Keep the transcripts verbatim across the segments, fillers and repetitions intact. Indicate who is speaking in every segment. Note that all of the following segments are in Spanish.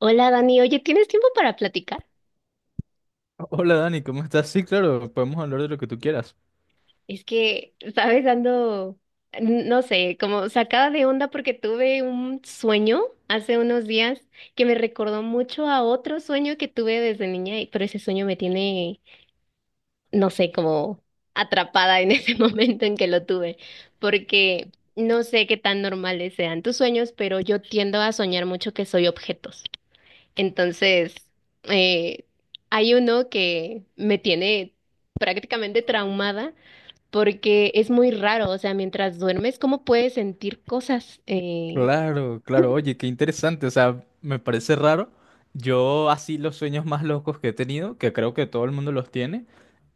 Speaker 1: Hola Dani, oye, ¿tienes tiempo para platicar?
Speaker 2: Hola Dani, ¿cómo estás? Sí, claro, podemos hablar de lo que tú quieras.
Speaker 1: Es que, sabes, ando, n- no sé, como sacada de onda porque tuve un sueño hace unos días que me recordó mucho a otro sueño que tuve desde niña, y- pero ese sueño me tiene, no sé, como atrapada en ese momento en que lo tuve, porque no sé qué tan normales sean tus sueños, pero yo tiendo a soñar mucho que soy objetos. Entonces, eh, hay uno que me tiene prácticamente traumada porque es muy raro, o sea, mientras duermes, ¿cómo puedes sentir cosas? Eh,
Speaker 2: Claro, claro, oye, qué interesante, o sea, me parece raro. Yo así los sueños más locos que he tenido, que creo que todo el mundo los tiene,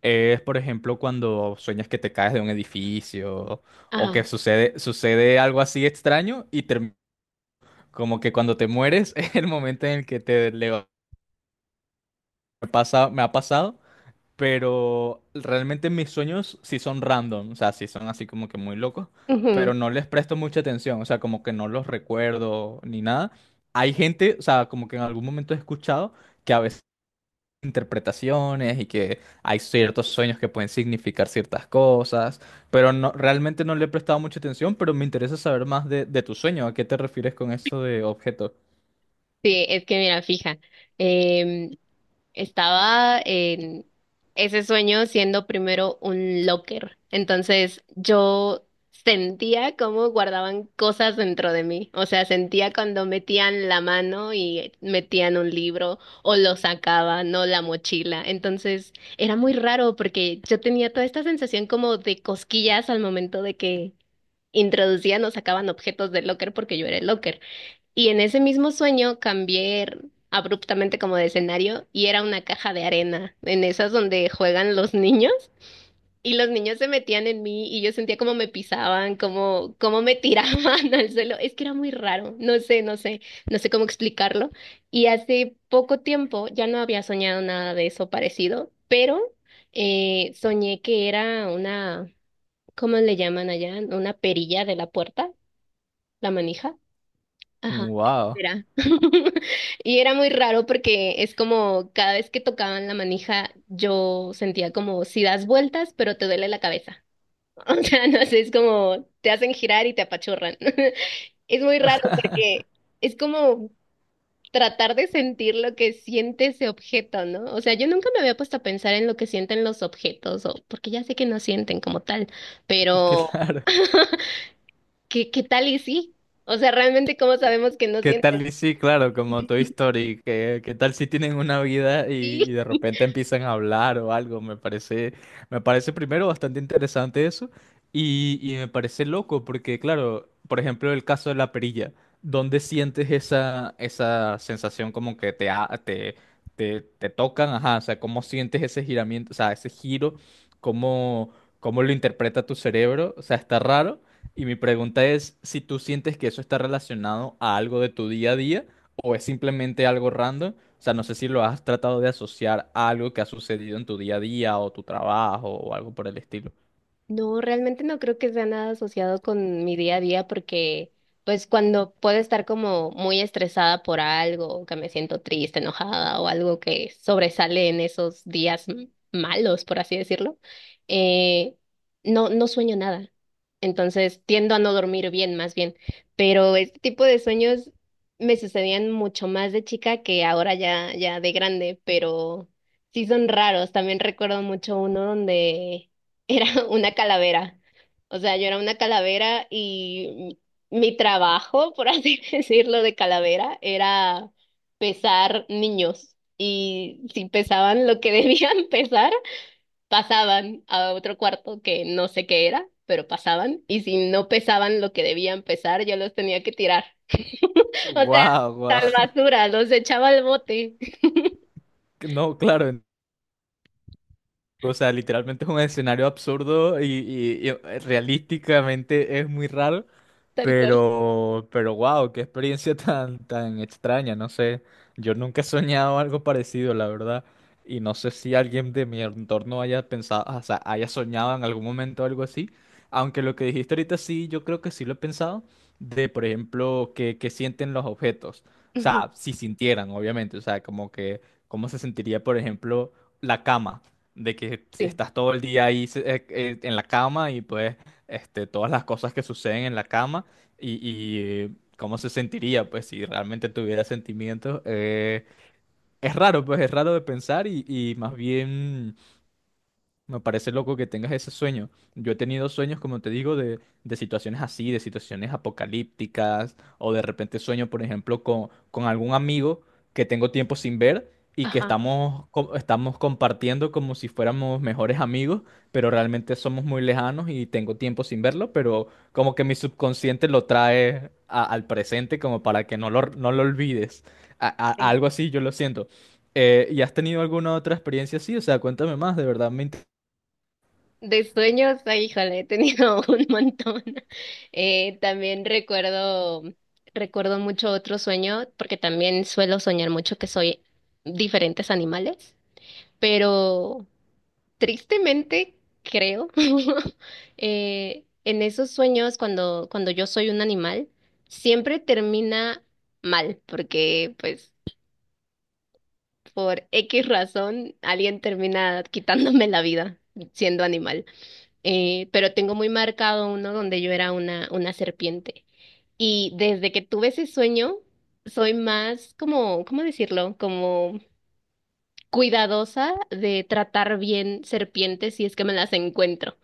Speaker 2: es por ejemplo cuando sueñas que te caes de un edificio o que
Speaker 1: ajá.
Speaker 2: sucede, sucede algo así extraño y term- como que cuando te mueres es el momento en el que te le pasa, me ha pasado, pero realmente mis sueños sí son random, o sea, sí son así como que muy locos,
Speaker 1: Ujú.
Speaker 2: pero no les presto mucha atención, o sea, como que no los recuerdo ni nada. Hay gente, o sea, como que en algún momento he escuchado que a veces interpretaciones y que hay ciertos sueños que pueden significar ciertas cosas, pero no, realmente no le he prestado mucha atención, pero me interesa saber más de, de tu sueño. ¿A qué te refieres con eso de objeto?
Speaker 1: Sí, es que mira, fija, em, estaba en ese sueño siendo primero un locker. Entonces yo sentía cómo guardaban cosas dentro de mí. O sea, sentía cuando metían la mano y metían un libro o lo sacaban no la mochila. Entonces era muy raro porque yo tenía toda esta sensación como de cosquillas al momento de que introducían o sacaban objetos del locker porque yo era el locker. Y en ese mismo sueño cambié abruptamente como de escenario y era una caja de arena, en esas donde juegan los niños. Y los niños se metían en mí y yo sentía como me pisaban, como, como me tiraban al suelo. Es que era muy raro, no sé, no sé, no sé cómo explicarlo. Y hace poco tiempo ya no había soñado nada de eso parecido, pero eh, soñé que era una, ¿cómo le llaman allá? Una perilla de la puerta, la manija. Ajá,
Speaker 2: Wow,
Speaker 1: era. Y era muy raro porque es como cada vez que tocaban la manija, yo sentía como si das vueltas, pero te duele la cabeza. O sea, no sé, es como te hacen girar y te apachurran. Es muy raro porque es como tratar de sentir lo que siente ese objeto, ¿no? O sea, yo nunca me había puesto a pensar en lo que sienten los objetos, o porque ya sé que no sienten como tal, pero
Speaker 2: claro.
Speaker 1: ¿qué, qué tal y sí? O sea, realmente, ¿cómo sabemos que no
Speaker 2: ¿Qué
Speaker 1: sienten?
Speaker 2: tal? Y sí, claro, como Toy Story. Que- ¿qué, tal si tienen una vida y, y
Speaker 1: Sí.
Speaker 2: de repente empiezan a hablar o algo? Me parece, me parece primero bastante interesante eso y, y me parece loco porque, claro, por ejemplo, el caso de la perilla. ¿Dónde sientes esa, esa sensación como que te, ha- te, te, te tocan? Ajá, o sea, ¿cómo sientes ese giramiento, o sea, ese giro? ¿Cómo, cómo lo interpreta tu cerebro? O sea, está raro. Y mi pregunta es si tú sientes que eso está relacionado a algo de tu día a día o es simplemente algo random. O sea, no sé si lo has tratado de asociar a algo que ha sucedido en tu día a día o tu trabajo o algo por el estilo.
Speaker 1: No, realmente no creo que sea nada asociado con mi día a día porque pues cuando puedo estar como muy estresada por algo, o que me siento triste, enojada o algo que sobresale en esos días m- malos, por así decirlo, eh, no, no sueño nada. Entonces tiendo a no dormir bien, más bien. Pero este tipo de sueños me sucedían mucho más de chica que ahora ya, ya de grande, pero sí son raros. También recuerdo mucho uno donde era una calavera. O sea, yo era una calavera y mi mi trabajo, por así decirlo, de calavera era pesar niños. Y si pesaban lo que debían pesar, pasaban a otro cuarto que no sé qué era, pero pasaban. Y si no pesaban lo que debían pesar, yo los tenía que tirar. O sea,
Speaker 2: Wow, wow.
Speaker 1: tal basura, los echaba al bote.
Speaker 2: No, claro. en- O sea, literalmente es un escenario absurdo y, y- y eh, realísticamente es muy raro.
Speaker 1: Tal cual.
Speaker 2: Pero, pero wow, qué experiencia tan, tan extraña, no sé. Yo nunca he soñado algo parecido, la verdad. Y no sé si alguien de mi entorno haya pensado, o sea, haya soñado en algún momento algo así. Aunque lo que dijiste ahorita sí, yo creo que sí lo he pensado. De, por ejemplo, que, que sienten los objetos. O
Speaker 1: Ujú.
Speaker 2: sea, si sintieran, obviamente. O sea, como que, cómo se sentiría, por ejemplo, la cama. De que si
Speaker 1: Sí.
Speaker 2: estás todo el día ahí eh, eh, en la cama y pues este, todas las cosas que suceden en la cama. Y, y, cómo se sentiría, pues, si realmente tuviera sentimientos. Eh, es raro, pues, es raro de pensar y, y más bien me parece loco que tengas ese sueño. Yo he tenido sueños, como te digo, de, de situaciones así, de situaciones apocalípticas, o de repente sueño, por ejemplo, con, con algún amigo que tengo tiempo sin ver y que
Speaker 1: Ajá.
Speaker 2: estamos, co- estamos compartiendo como si fuéramos mejores amigos, pero realmente somos muy lejanos y tengo tiempo sin verlo, pero como que mi subconsciente lo trae a- al presente como para que no lo, no lo olvides. A- a-
Speaker 1: Sí.
Speaker 2: algo así, yo lo siento. Eh, ¿y has tenido alguna otra experiencia así? O sea, cuéntame más, de verdad me interesa.
Speaker 1: De sueños, ay, híjole, he tenido un montón. Eh, también recuerdo, recuerdo mucho otro sueño, porque también suelo soñar mucho que soy diferentes animales, pero tristemente creo, eh, en esos sueños cuando, cuando yo soy un animal, siempre termina mal, porque pues por X razón alguien termina quitándome la vida siendo animal, eh, pero tengo muy marcado uno donde yo era una, una serpiente. Y desde que tuve ese sueño, soy más como, ¿cómo decirlo? Como cuidadosa de tratar bien serpientes si es que me las encuentro.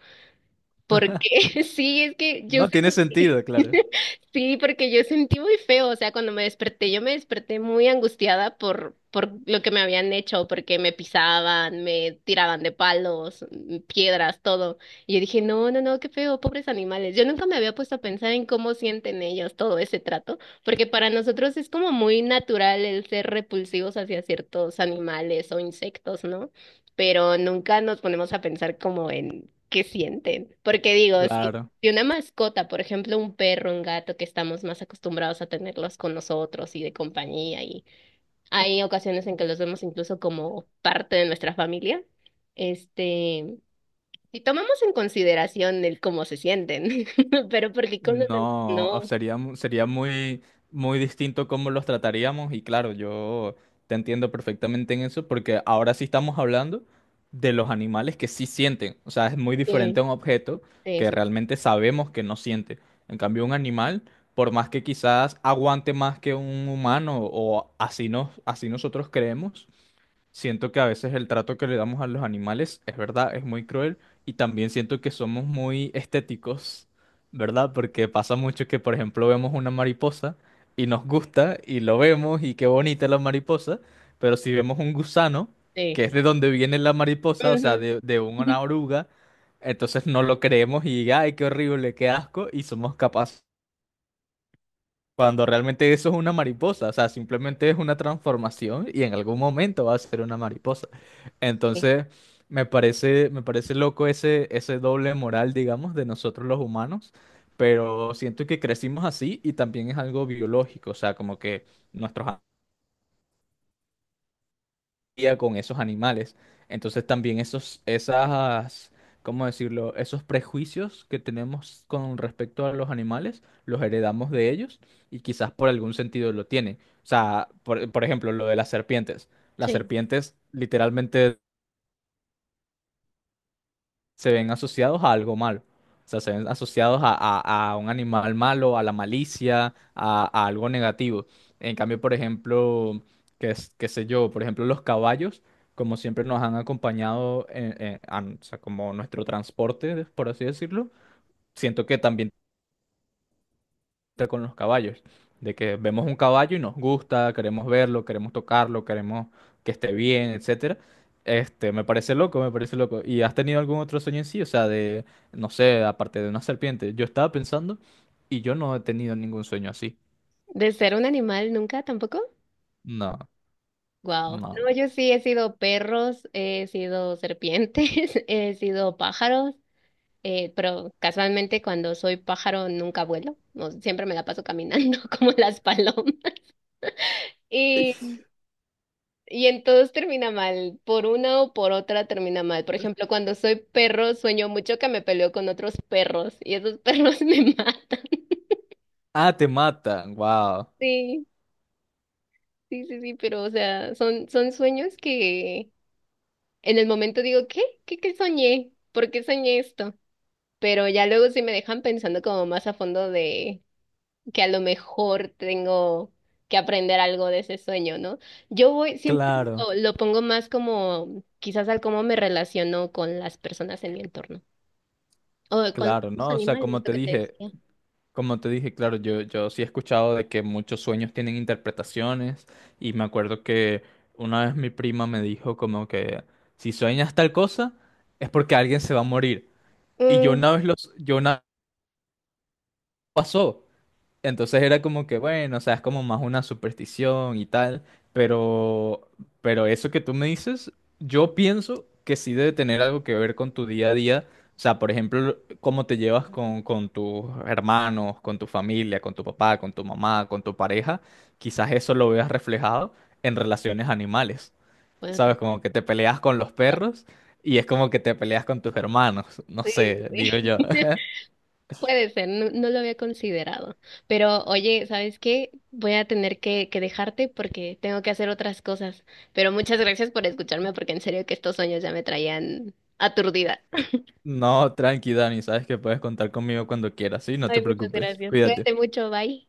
Speaker 1: Porque sí, es que yo
Speaker 2: No tiene
Speaker 1: sentí,
Speaker 2: sentido, claro.
Speaker 1: sí, porque yo sentí muy feo, o sea, cuando me desperté, yo me desperté muy angustiada por, por lo que me habían hecho, porque me pisaban, me tiraban de palos, mm, piedras, todo. Y yo dije, no, no, no, qué feo, pobres animales. Yo nunca me había puesto a pensar en cómo sienten ellos todo ese trato, porque para nosotros es como muy natural el ser repulsivos hacia ciertos animales o insectos, ¿no? Pero nunca nos ponemos a pensar como en qué sienten. Porque digo, si,
Speaker 2: Claro.
Speaker 1: si una mascota, por ejemplo, un perro, un gato, que estamos más acostumbrados a tenerlos con nosotros y de compañía, y hay ocasiones en que los vemos incluso como parte de nuestra familia, este, si tomamos en consideración el cómo se sienten, pero porque con los demás
Speaker 2: No, o
Speaker 1: no.
Speaker 2: sería, mu- sería muy, muy distinto cómo los trataríamos y claro, yo te entiendo perfectamente en eso porque ahora sí estamos hablando de los animales que sí sienten. O sea, es muy
Speaker 1: Sí,
Speaker 2: diferente a un objeto
Speaker 1: sí,
Speaker 2: que
Speaker 1: sí.
Speaker 2: realmente sabemos que no siente. En cambio, un animal, por más que quizás aguante más que un humano o así, nos, así nosotros creemos. Siento que a veces el trato que le damos a los animales es verdad, es muy cruel y también siento que somos muy estéticos, ¿verdad? Porque pasa mucho que, por ejemplo, vemos una mariposa y nos gusta y lo vemos y qué bonita la mariposa, pero si vemos un gusano,
Speaker 1: Sí.
Speaker 2: que es de donde viene la mariposa, o sea,
Speaker 1: Ujú.
Speaker 2: de, de una oruga, entonces no lo creemos y, ay, qué horrible, qué asco, y somos capaces. Cuando realmente eso es una mariposa, o sea, simplemente es una transformación y en algún momento va a ser una mariposa.
Speaker 1: Sí.
Speaker 2: Entonces, me parece, me parece loco ese, ese doble moral, digamos, de nosotros los humanos, pero siento que crecimos así y también es algo biológico, o sea, como que nuestros día con esos animales. Entonces también esos, esas, ¿cómo decirlo? Esos prejuicios que tenemos con respecto a los animales, los heredamos de ellos y quizás por algún sentido lo tienen. O sea, por, por ejemplo, lo de las serpientes. Las
Speaker 1: Sí.
Speaker 2: serpientes literalmente se ven asociados a algo malo. O sea, se ven asociados a, a- a un animal malo, a la malicia, a, a algo negativo. En cambio, por ejemplo, qué, es- qué sé yo, por ejemplo, los caballos, como siempre nos han acompañado en- en- a- o sea, como nuestro transporte, por así decirlo, siento que también con los caballos, de que vemos un caballo y nos gusta, queremos verlo, queremos tocarlo, queremos que esté bien, etcétera. Este, me parece loco, me parece loco. ¿Y has tenido algún otro sueño en sí? O sea, de, no sé, aparte de una serpiente. Yo estaba pensando y yo no he tenido ningún sueño así.
Speaker 1: De ser un animal nunca tampoco.
Speaker 2: No,
Speaker 1: Wow.
Speaker 2: no.
Speaker 1: No, yo sí he sido perros, he sido serpientes, he sido pájaros, eh, pero casualmente cuando soy pájaro nunca vuelo, no, siempre me la paso caminando como las palomas. Y, y en todos termina mal, por una o por otra termina mal. Por ejemplo, cuando soy perro sueño mucho que me peleo con otros perros y esos perros me matan.
Speaker 2: Ah, te matan, wow.
Speaker 1: Sí, sí, sí, sí, pero o sea, son, son sueños que en el momento digo, ¿qué? ¿Qué, qué soñé? ¿Por qué soñé esto? Pero ya luego sí me dejan pensando como más a fondo de que a lo mejor tengo que aprender algo de ese sueño, ¿no? Yo voy, siempre
Speaker 2: Claro,
Speaker 1: lo, lo pongo más como quizás al cómo me relaciono con las personas en mi entorno o con
Speaker 2: claro,
Speaker 1: los
Speaker 2: ¿no? O sea,
Speaker 1: animales,
Speaker 2: como
Speaker 1: lo
Speaker 2: te
Speaker 1: que te
Speaker 2: dije.
Speaker 1: decía.
Speaker 2: Como te dije, claro, yo, yo sí he escuchado de que muchos sueños tienen interpretaciones y me acuerdo que una vez mi prima me dijo como que si sueñas tal cosa es porque alguien se va a morir. Y yo
Speaker 1: Mm.
Speaker 2: una vez los, yo una pasó. Entonces era como que, bueno, o sea, es como más una superstición y tal, pero, pero eso que tú me dices, yo pienso que sí debe tener algo que ver con tu día a día. O sea, por ejemplo, cómo te llevas con, con tus hermanos, con tu familia, con tu papá, con tu mamá, con tu pareja. Quizás eso lo veas reflejado en relaciones animales.
Speaker 1: Bueno, ta-
Speaker 2: ¿Sabes? Como que te peleas con los
Speaker 1: ta-
Speaker 2: perros y es como que te peleas con tus hermanos. No
Speaker 1: sí,
Speaker 2: sé, digo
Speaker 1: sí.
Speaker 2: yo.
Speaker 1: Puede ser, no, no lo había considerado. Pero oye, ¿sabes qué? Voy a tener que, que dejarte porque tengo que hacer otras cosas. Pero muchas gracias por escucharme porque en serio que estos sueños ya me traían aturdida.
Speaker 2: No, tranqui, Dani, sabes que puedes contar conmigo cuando quieras, ¿sí? No te
Speaker 1: Ay, muchas
Speaker 2: preocupes.
Speaker 1: gracias. Cuídate
Speaker 2: Cuídate.
Speaker 1: mucho, bye.